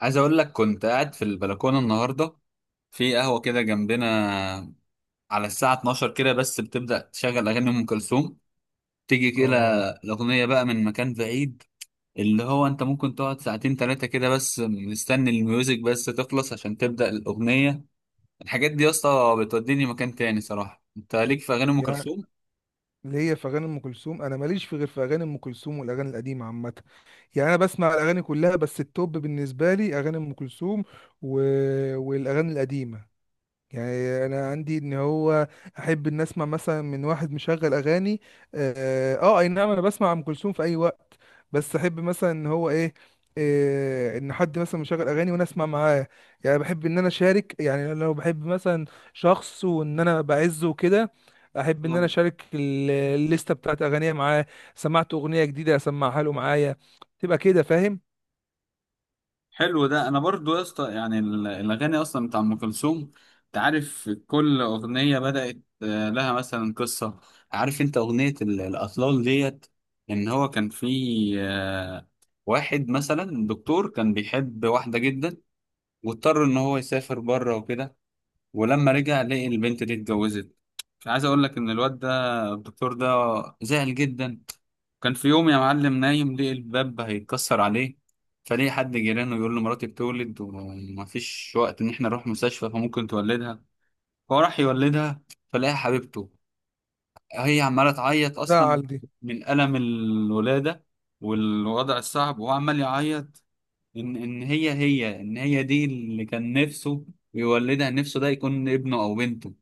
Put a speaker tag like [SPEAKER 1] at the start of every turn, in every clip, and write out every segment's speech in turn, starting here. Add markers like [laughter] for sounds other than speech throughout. [SPEAKER 1] عايز اقول لك، كنت قاعد في البلكونه النهارده في قهوه كده جنبنا، على الساعه 12 كده بس بتبدا تشغل اغاني ام كلثوم، تيجي كده
[SPEAKER 2] اه
[SPEAKER 1] الاغنيه بقى من مكان بعيد. اللي هو انت ممكن تقعد ساعتين ثلاثه كده بس مستني الميوزك بس تخلص عشان تبدا الاغنيه. الحاجات دي يا اسطى بتوديني مكان تاني صراحه، انت ليك في اغاني ام
[SPEAKER 2] يعني
[SPEAKER 1] كلثوم؟
[SPEAKER 2] ليا في اغاني ام كلثوم. انا ماليش في غير في اغاني ام كلثوم والاغاني القديمه عامه. يعني انا بسمع الاغاني كلها، بس التوب بالنسبه لي اغاني ام كلثوم و... والاغاني القديمه. يعني انا عندي ان هو احب ان اسمع مثلا من واحد مشغل اغاني. اي نعم، انا بسمع ام كلثوم في اي وقت. بس احب مثلا ان هو إيه ان حد مثلا مشغل اغاني وانا اسمع معاه. يعني بحب ان انا اشارك، يعني لو بحب مثلا شخص وان انا بعزه وكده، احب ان انا اشارك الليسته بتاعت اغانيه معاه. سمعت اغنيه جديده اسمعها له معايا، تبقى كده فاهم.
[SPEAKER 1] حلو ده، انا برضو يا اسطى يعني الاغاني اصلا بتاع ام كلثوم، انت عارف كل اغنيه بدات لها مثلا قصه. عارف انت اغنيه الاطلال ديت، ان هو كان في آه، واحد مثلا دكتور كان بيحب واحده جدا، واضطر ان هو يسافر بره وكده، ولما رجع لقي البنت دي اتجوزت. عايز اقول لك ان الواد ده، الدكتور ده، زعل جدا. كان في يوم يا معلم نايم لقي الباب هيتكسر عليه، فليه حد جيرانه يقول له مراتي بتولد ومفيش وقت ان احنا نروح مستشفى فممكن تولدها، فهو راح يولدها. فلاقي حبيبته هي عماله تعيط اصلا
[SPEAKER 2] ده
[SPEAKER 1] من الم الولاده والوضع الصعب، وهو عمال يعيط ان هي دي اللي كان نفسه يولدها، نفسه ده يكون ابنه او بنته.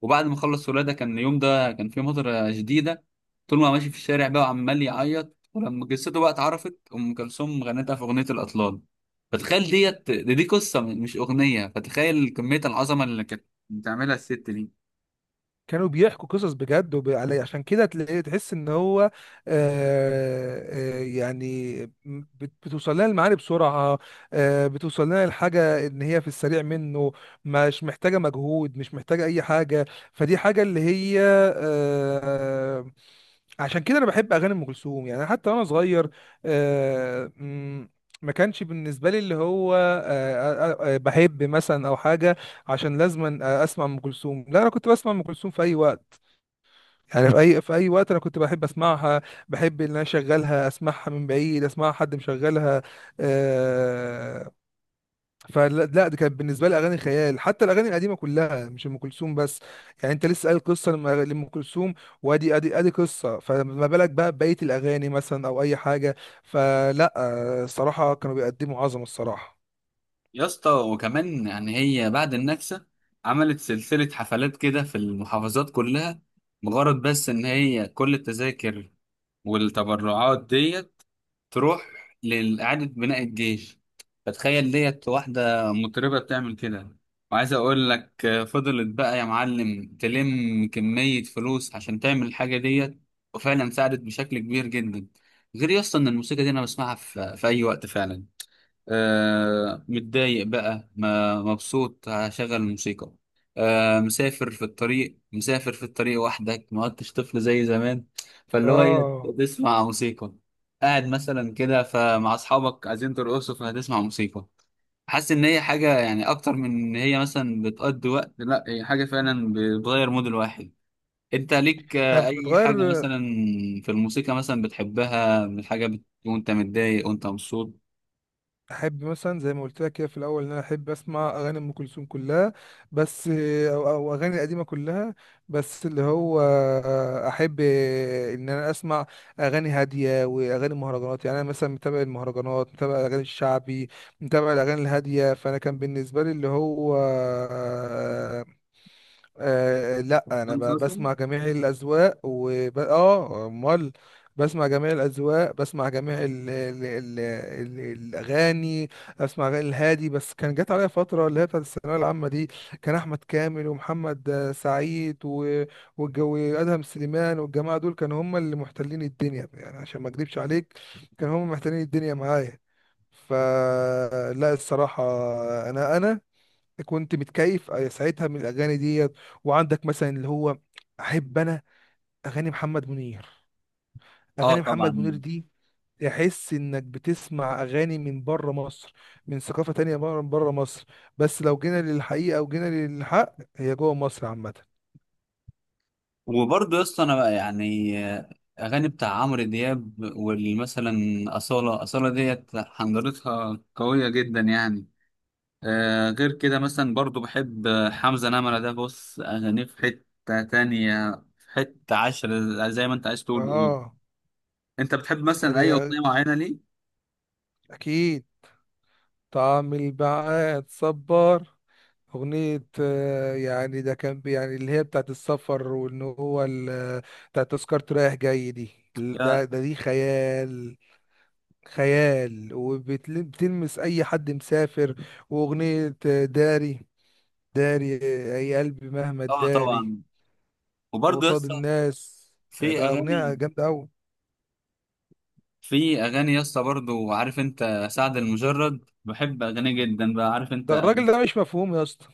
[SPEAKER 1] وبعد ما خلص ولاده كان اليوم ده كان فيه مطره شديده، طول ما هو ماشي في الشارع بقى وعمال يعيط، ولما جثته بقى اتعرفت ام كلثوم غنتها في اغنيه الاطلال. فتخيل ديت، دي قصه مش اغنيه، فتخيل كميه العظمه اللي كانت بتعملها الست دي.
[SPEAKER 2] كانوا بيحكوا قصص بجد علي، عشان كده تلاقي تحس ان هو آه آه يعني بتوصل لنا المعاني بسرعة. آه، بتوصل لنا الحاجة ان هي في السريع منه، مش محتاجة مجهود مش محتاجة اي حاجة. فدي حاجة اللي هي آه عشان كده انا بحب اغاني ام كلثوم، يعني حتى وانا صغير. آه م- ما كانش بالنسبة لي اللي هو بحب مثلا أو حاجة عشان لازما اسمع ام كلثوم. لا، انا كنت بسمع ام كلثوم في اي وقت. يعني في اي في اي وقت انا كنت بحب اسمعها. بحب ان انا اشغلها، اسمعها من بعيد، اسمعها حد مشغلها. آه فلا لا، دي كانت بالنسبه لي اغاني خيال. حتى الاغاني القديمه كلها، مش ام كلثوم بس. يعني انت لسه قايل قصه لام كلثوم، وادي ادي ادي قصه، فما بالك بقى بقيه الاغاني مثلا او اي حاجه. فلا الصراحه كانوا بيقدموا عظمه الصراحه.
[SPEAKER 1] يا اسطى وكمان يعني هي بعد النكسه عملت سلسله حفلات كده في المحافظات كلها، مجرد بس ان هي كل التذاكر والتبرعات ديت تروح لإعادة بناء الجيش. فتخيل ديت، واحدة مطربة بتعمل كده، وعايز أقول لك فضلت بقى يا معلم تلم كمية فلوس عشان تعمل الحاجة ديت، وفعلا ساعدت بشكل كبير جدا. غير يسطا إن الموسيقى دي أنا بسمعها في أي وقت فعلا. متضايق بقى ما مبسوط هشغل الموسيقى. مسافر في الطريق، مسافر في الطريق وحدك، ما عدتش طفل زي زمان. فاللي هو ايه،
[SPEAKER 2] اه،
[SPEAKER 1] تسمع موسيقى. قاعد مثلا كده فمع اصحابك عايزين ترقصوا فهتسمع موسيقى. حاسس ان هي حاجه يعني اكتر من ان هي مثلا بتقضي وقت، لا هي حاجه فعلا بتغير مود الواحد. انت ليك اي
[SPEAKER 2] بتغير.
[SPEAKER 1] حاجه مثلا في الموسيقى مثلا بتحبها من حاجه وانت متضايق وانت مبسوط؟
[SPEAKER 2] احب مثلا زي ما قلت لك كده في الاول ان انا احب اسمع اغاني ام كلثوم كلها، بس أو اغاني قديمه كلها. بس اللي هو احب ان انا اسمع اغاني هاديه واغاني مهرجانات. يعني انا مثلا متابع المهرجانات، متابع الاغاني الشعبي، متابع الاغاني الهاديه. فانا كان بالنسبه لي اللي هو لا، انا
[SPEAKER 1] مسلسل؟
[SPEAKER 2] بسمع جميع الاذواق وب... اه امال بسمع جميع الاذواق، بسمع جميع الاغاني. اسمع أغاني الهادي، بس كان جات عليا فتره اللي هي بتاعت الثانويه العامه دي، كان احمد كامل ومحمد سعيد والجو ادهم سليمان والجماعه دول كانوا هم اللي محتلين الدنيا. يعني عشان ما اكذبش عليك، كانوا هم محتلين الدنيا معايا. فلا الصراحه، انا كنت متكيف ساعتها من الاغاني ديت. وعندك مثلا اللي هو، احب انا اغاني محمد منير.
[SPEAKER 1] اه،
[SPEAKER 2] اغاني محمد منير
[SPEAKER 1] طبعا.
[SPEAKER 2] دي تحس انك بتسمع اغاني من بره مصر، من ثقافة تانية بره مصر. بس لو جينا للحقيقة وجينا للحق، هي جوه مصر عامة.
[SPEAKER 1] وبرضه يا اسطى انا بقى يعني اغاني بتاع عمرو دياب والمثلا اصاله ديت حنجرتها قويه جدا يعني. غير كده مثلا برضه بحب حمزه نمره، ده بص اغانيه في حته تانية، في حته عشرة، زي ما انت عايز تقول قول.
[SPEAKER 2] اه
[SPEAKER 1] انت بتحب مثلا اي
[SPEAKER 2] يعني،
[SPEAKER 1] اغنيه معينه ليه؟
[SPEAKER 2] اكيد. طعم البعاد صبار، أغنية يعني ده كان اللي هي بتاعت السفر، وإن هو بتاعت تذكرة رايح جاي دي. ده
[SPEAKER 1] يا-
[SPEAKER 2] ده دي خيال، خيال، وبتلمس أي حد مسافر. وأغنية داري، داري أي قلبي مهما
[SPEAKER 1] اه،
[SPEAKER 2] تداري
[SPEAKER 1] طبعا. وبرضه يا
[SPEAKER 2] قصاد
[SPEAKER 1] اسطى
[SPEAKER 2] الناس،
[SPEAKER 1] في
[SPEAKER 2] ده أغنية
[SPEAKER 1] اغاني
[SPEAKER 2] جامدة أوي.
[SPEAKER 1] في اغاني يا اسطى برضه، عارف انت سعد المجرد؟ بحب اغانيه جدا بقى، عارف انت.
[SPEAKER 2] ده الراجل ده مش مفهوم يا اسطى.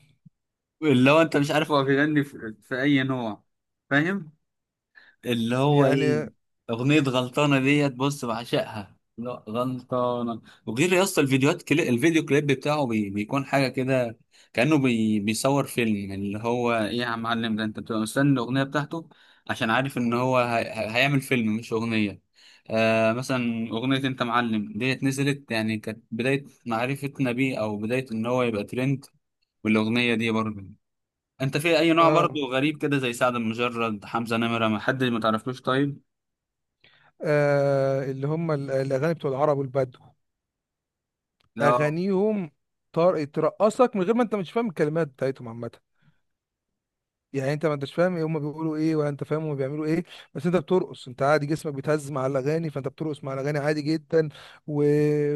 [SPEAKER 1] اللي هو انت مش عارف هو بيغني في اي نوع، فاهم، اللي هو
[SPEAKER 2] يعني
[SPEAKER 1] ايه. اغنية غلطانة ديت بص بعشقها، لا غلطانة، وغير يا اسطى الفيديوهات الفيديو كليب بتاعه بيكون حاجة كده، كأنه بيصور فيلم، يعني اللي هو ايه يا معلم، ده انت بتبقى مستني الأغنية بتاعته عشان عارف ان هو هيعمل فيلم مش أغنية. مثلا أغنية انت معلم ديت نزلت، يعني كانت بداية معرفتنا بيه او بداية ان هو يبقى ترند، والأغنية دي برضه، انت في اي نوع؟ برضو
[SPEAKER 2] آه,
[SPEAKER 1] غريب كده زي سعد المجرد، حمزة نمرة، ما حد ما تعرفلوش طيب.
[SPEAKER 2] اللي هم الأغاني بتوع العرب والبدو،
[SPEAKER 1] لا.
[SPEAKER 2] اغانيهم طار ترقصك من غير ما انت مش فاهم الكلمات بتاعتهم عامه. يعني انت ما انتش فاهم ايه هم بيقولوا ايه ولا انت فاهم هم بيعملوا ايه، بس انت بترقص، انت عادي جسمك بيتهز مع الاغاني، فانت بترقص مع الاغاني عادي جدا. و...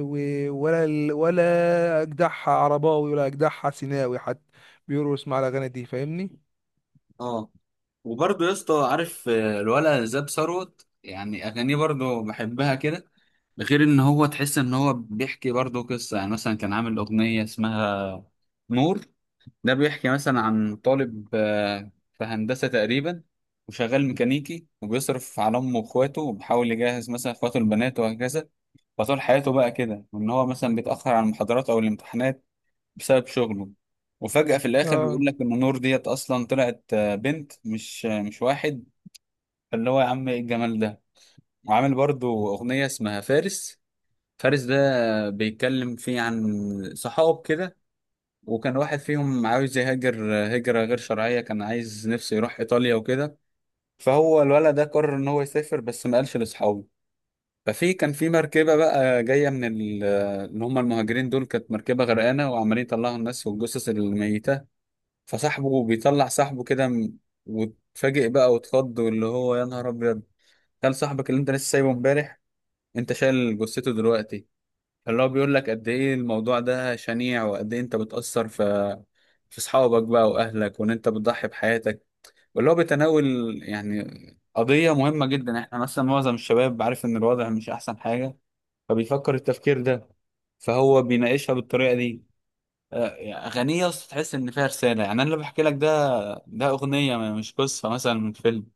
[SPEAKER 2] و... ولا اجدعها عرباوي ولا اجدعها سيناوي حد بيرقص مع الاغاني دي، فاهمني.
[SPEAKER 1] اه. وبرضو يا اسطى عارف الولا زاب ثروت، يعني اغانيه برضو بحبها كده، ده غير ان هو تحس ان هو بيحكي برضو قصة، يعني مثلا كان عامل اغنية اسمها نور. ده بيحكي مثلا عن طالب في هندسة تقريبا، وشغال ميكانيكي وبيصرف على امه واخواته وبيحاول يجهز مثلا اخواته البنات وهكذا. فطول حياته بقى كده وان هو مثلا بيتاخر على المحاضرات او الامتحانات بسبب شغله. وفجأة في الآخر
[SPEAKER 2] اه
[SPEAKER 1] بيقول لك إن نور ديت أصلا طلعت بنت مش مش واحد. فاللي هو يا عم إيه الجمال ده. وعامل برضو أغنية اسمها فارس، فارس ده بيتكلم فيه عن صحاب كده، وكان واحد فيهم عاوز يهاجر هجرة غير شرعية، كان عايز نفسه يروح إيطاليا وكده. فهو الولد ده قرر إن هو يسافر بس ما قالش لأصحابه. كان في مركبة بقى جاية من اللي هم المهاجرين دول، كانت مركبة غرقانة وعمالين يطلعوا الناس والجثث الميتة. فصاحبه بيطلع صاحبه كده وتفاجئ بقى وتخض، واللي هو يا نهار ابيض. قال صاحبك اللي انت لسه سايبه امبارح، انت شايل جثته دلوقتي. اللي هو بيقول لك قد ايه الموضوع ده شنيع، وقد ايه انت بتأثر في اصحابك بقى واهلك، وان انت بتضحي بحياتك. واللي هو بيتناول يعني قضية مهمة جدا، احنا مثلا معظم الشباب عارف ان الوضع مش احسن حاجة، فبيفكر التفكير ده، فهو بيناقشها بالطريقة دي. آه، أغنية أصلا تحس إن فيها رسالة، يعني أنا اللي بحكي لك ده، ده أغنية مش قصة مثلا من فيلم،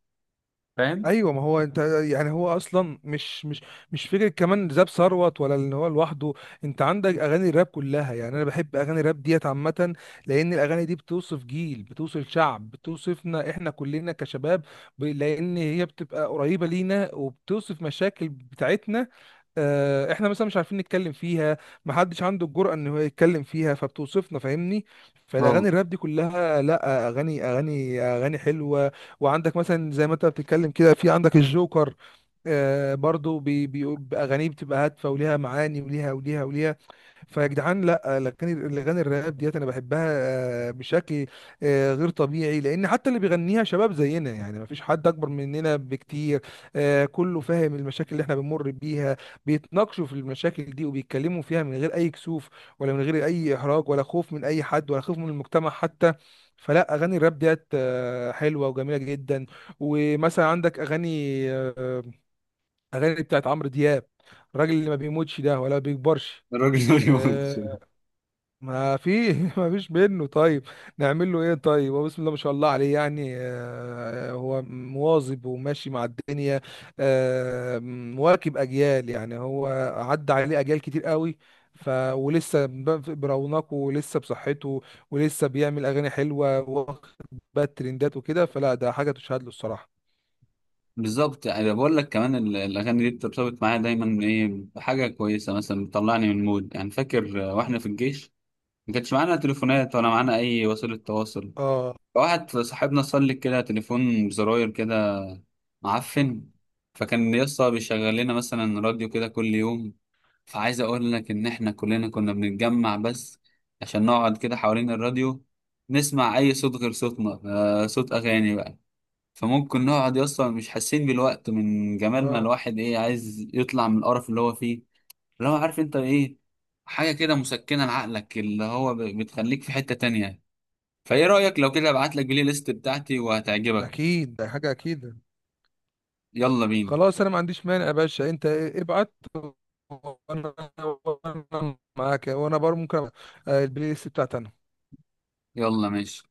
[SPEAKER 1] فاهم.
[SPEAKER 2] ايوه، ما هو انت يعني هو اصلا مش فكره كمان زاب ثروت ولا ان هو لوحده. انت عندك اغاني الراب كلها، يعني انا بحب اغاني الراب ديت عامه، لان الاغاني دي بتوصف جيل، بتوصف شعب، بتوصفنا احنا كلنا كشباب. لان هي بتبقى قريبه لينا وبتوصف مشاكل بتاعتنا احنا مثلا مش عارفين نتكلم فيها، محدش عنده الجرأة ان هو يتكلم فيها، فبتوصفنا فاهمني. فالاغاني
[SPEAKER 1] اه،
[SPEAKER 2] الراب دي كلها، لا اغاني، اغاني حلوة. وعندك مثلا زي ما انت بتتكلم كده، في عندك الجوكر، آه، برضو بأغانيه بتبقى هادفة وليها معاني وليها. فيا جدعان لا، الاغاني الراب ديت انا بحبها بشكل غير طبيعي، لان حتى اللي بيغنيها شباب زينا، يعني ما فيش حد اكبر مننا بكتير. كله فاهم المشاكل اللي احنا بنمر بيها، بيتناقشوا في المشاكل دي وبيتكلموا فيها من غير اي كسوف ولا من غير اي احراج، ولا خوف من اي حد ولا خوف من المجتمع حتى. فلا اغاني الراب ديت حلوه وجميله جدا. ومثلا عندك اغاني آه، اغاني بتاعت عمرو دياب، الراجل اللي ما بيموتش ده ولا بيكبرش.
[SPEAKER 1] الراجل [laughs] ما بيموتش.
[SPEAKER 2] آه، ما في [laughs] ما فيش منه. طيب نعمل له ايه؟ طيب هو بسم الله ما شاء الله عليه، يعني هو مواظب وماشي مع الدنيا، مواكب اجيال. يعني هو عدى عليه اجيال كتير قوي، ف ولسه برونقه ولسه بصحته ولسه بيعمل اغاني حلوه، واخد بقى الترندات وكده. فلا ده حاجه تشهد له الصراحه.
[SPEAKER 1] بالظبط، انا بقول لك كمان الاغاني دي بترتبط معايا دايما ايه، بحاجه كويسه مثلا بتطلعني من مود، يعني فاكر واحنا في الجيش ما كانش معانا تليفونات ولا معانا اي وسيله تواصل.
[SPEAKER 2] اه
[SPEAKER 1] فواحد صاحبنا صلك كده تليفون بزراير كده معفن، فكان يسطا بيشغل لنا مثلا راديو كده كل يوم. فعايز اقول لك ان احنا كلنا كنا بنتجمع بس عشان نقعد كده حوالين الراديو، نسمع اي صوت غير صوتنا، صوت اغاني بقى. فممكن نقعد اصلا مش حاسين بالوقت من جمال، ما
[SPEAKER 2] اه
[SPEAKER 1] الواحد ايه عايز يطلع من القرف اللي هو فيه، اللي هو عارف انت ايه، حاجة كده مسكنة لعقلك اللي هو بتخليك في حتة تانية. فايه رأيك لو كده ابعت لك البلاي ليست بتاعتي وهتعجبك؟
[SPEAKER 2] اكيد، ده حاجه اكيد.
[SPEAKER 1] يلا بينا.
[SPEAKER 2] خلاص انا ما عنديش مانع يا باشا، انت ابعت وانا، وأنا معاك، وانا بر ممكن أبقى- آه، البلاي ليست بتاعتي انا.
[SPEAKER 1] يلا، ماشي.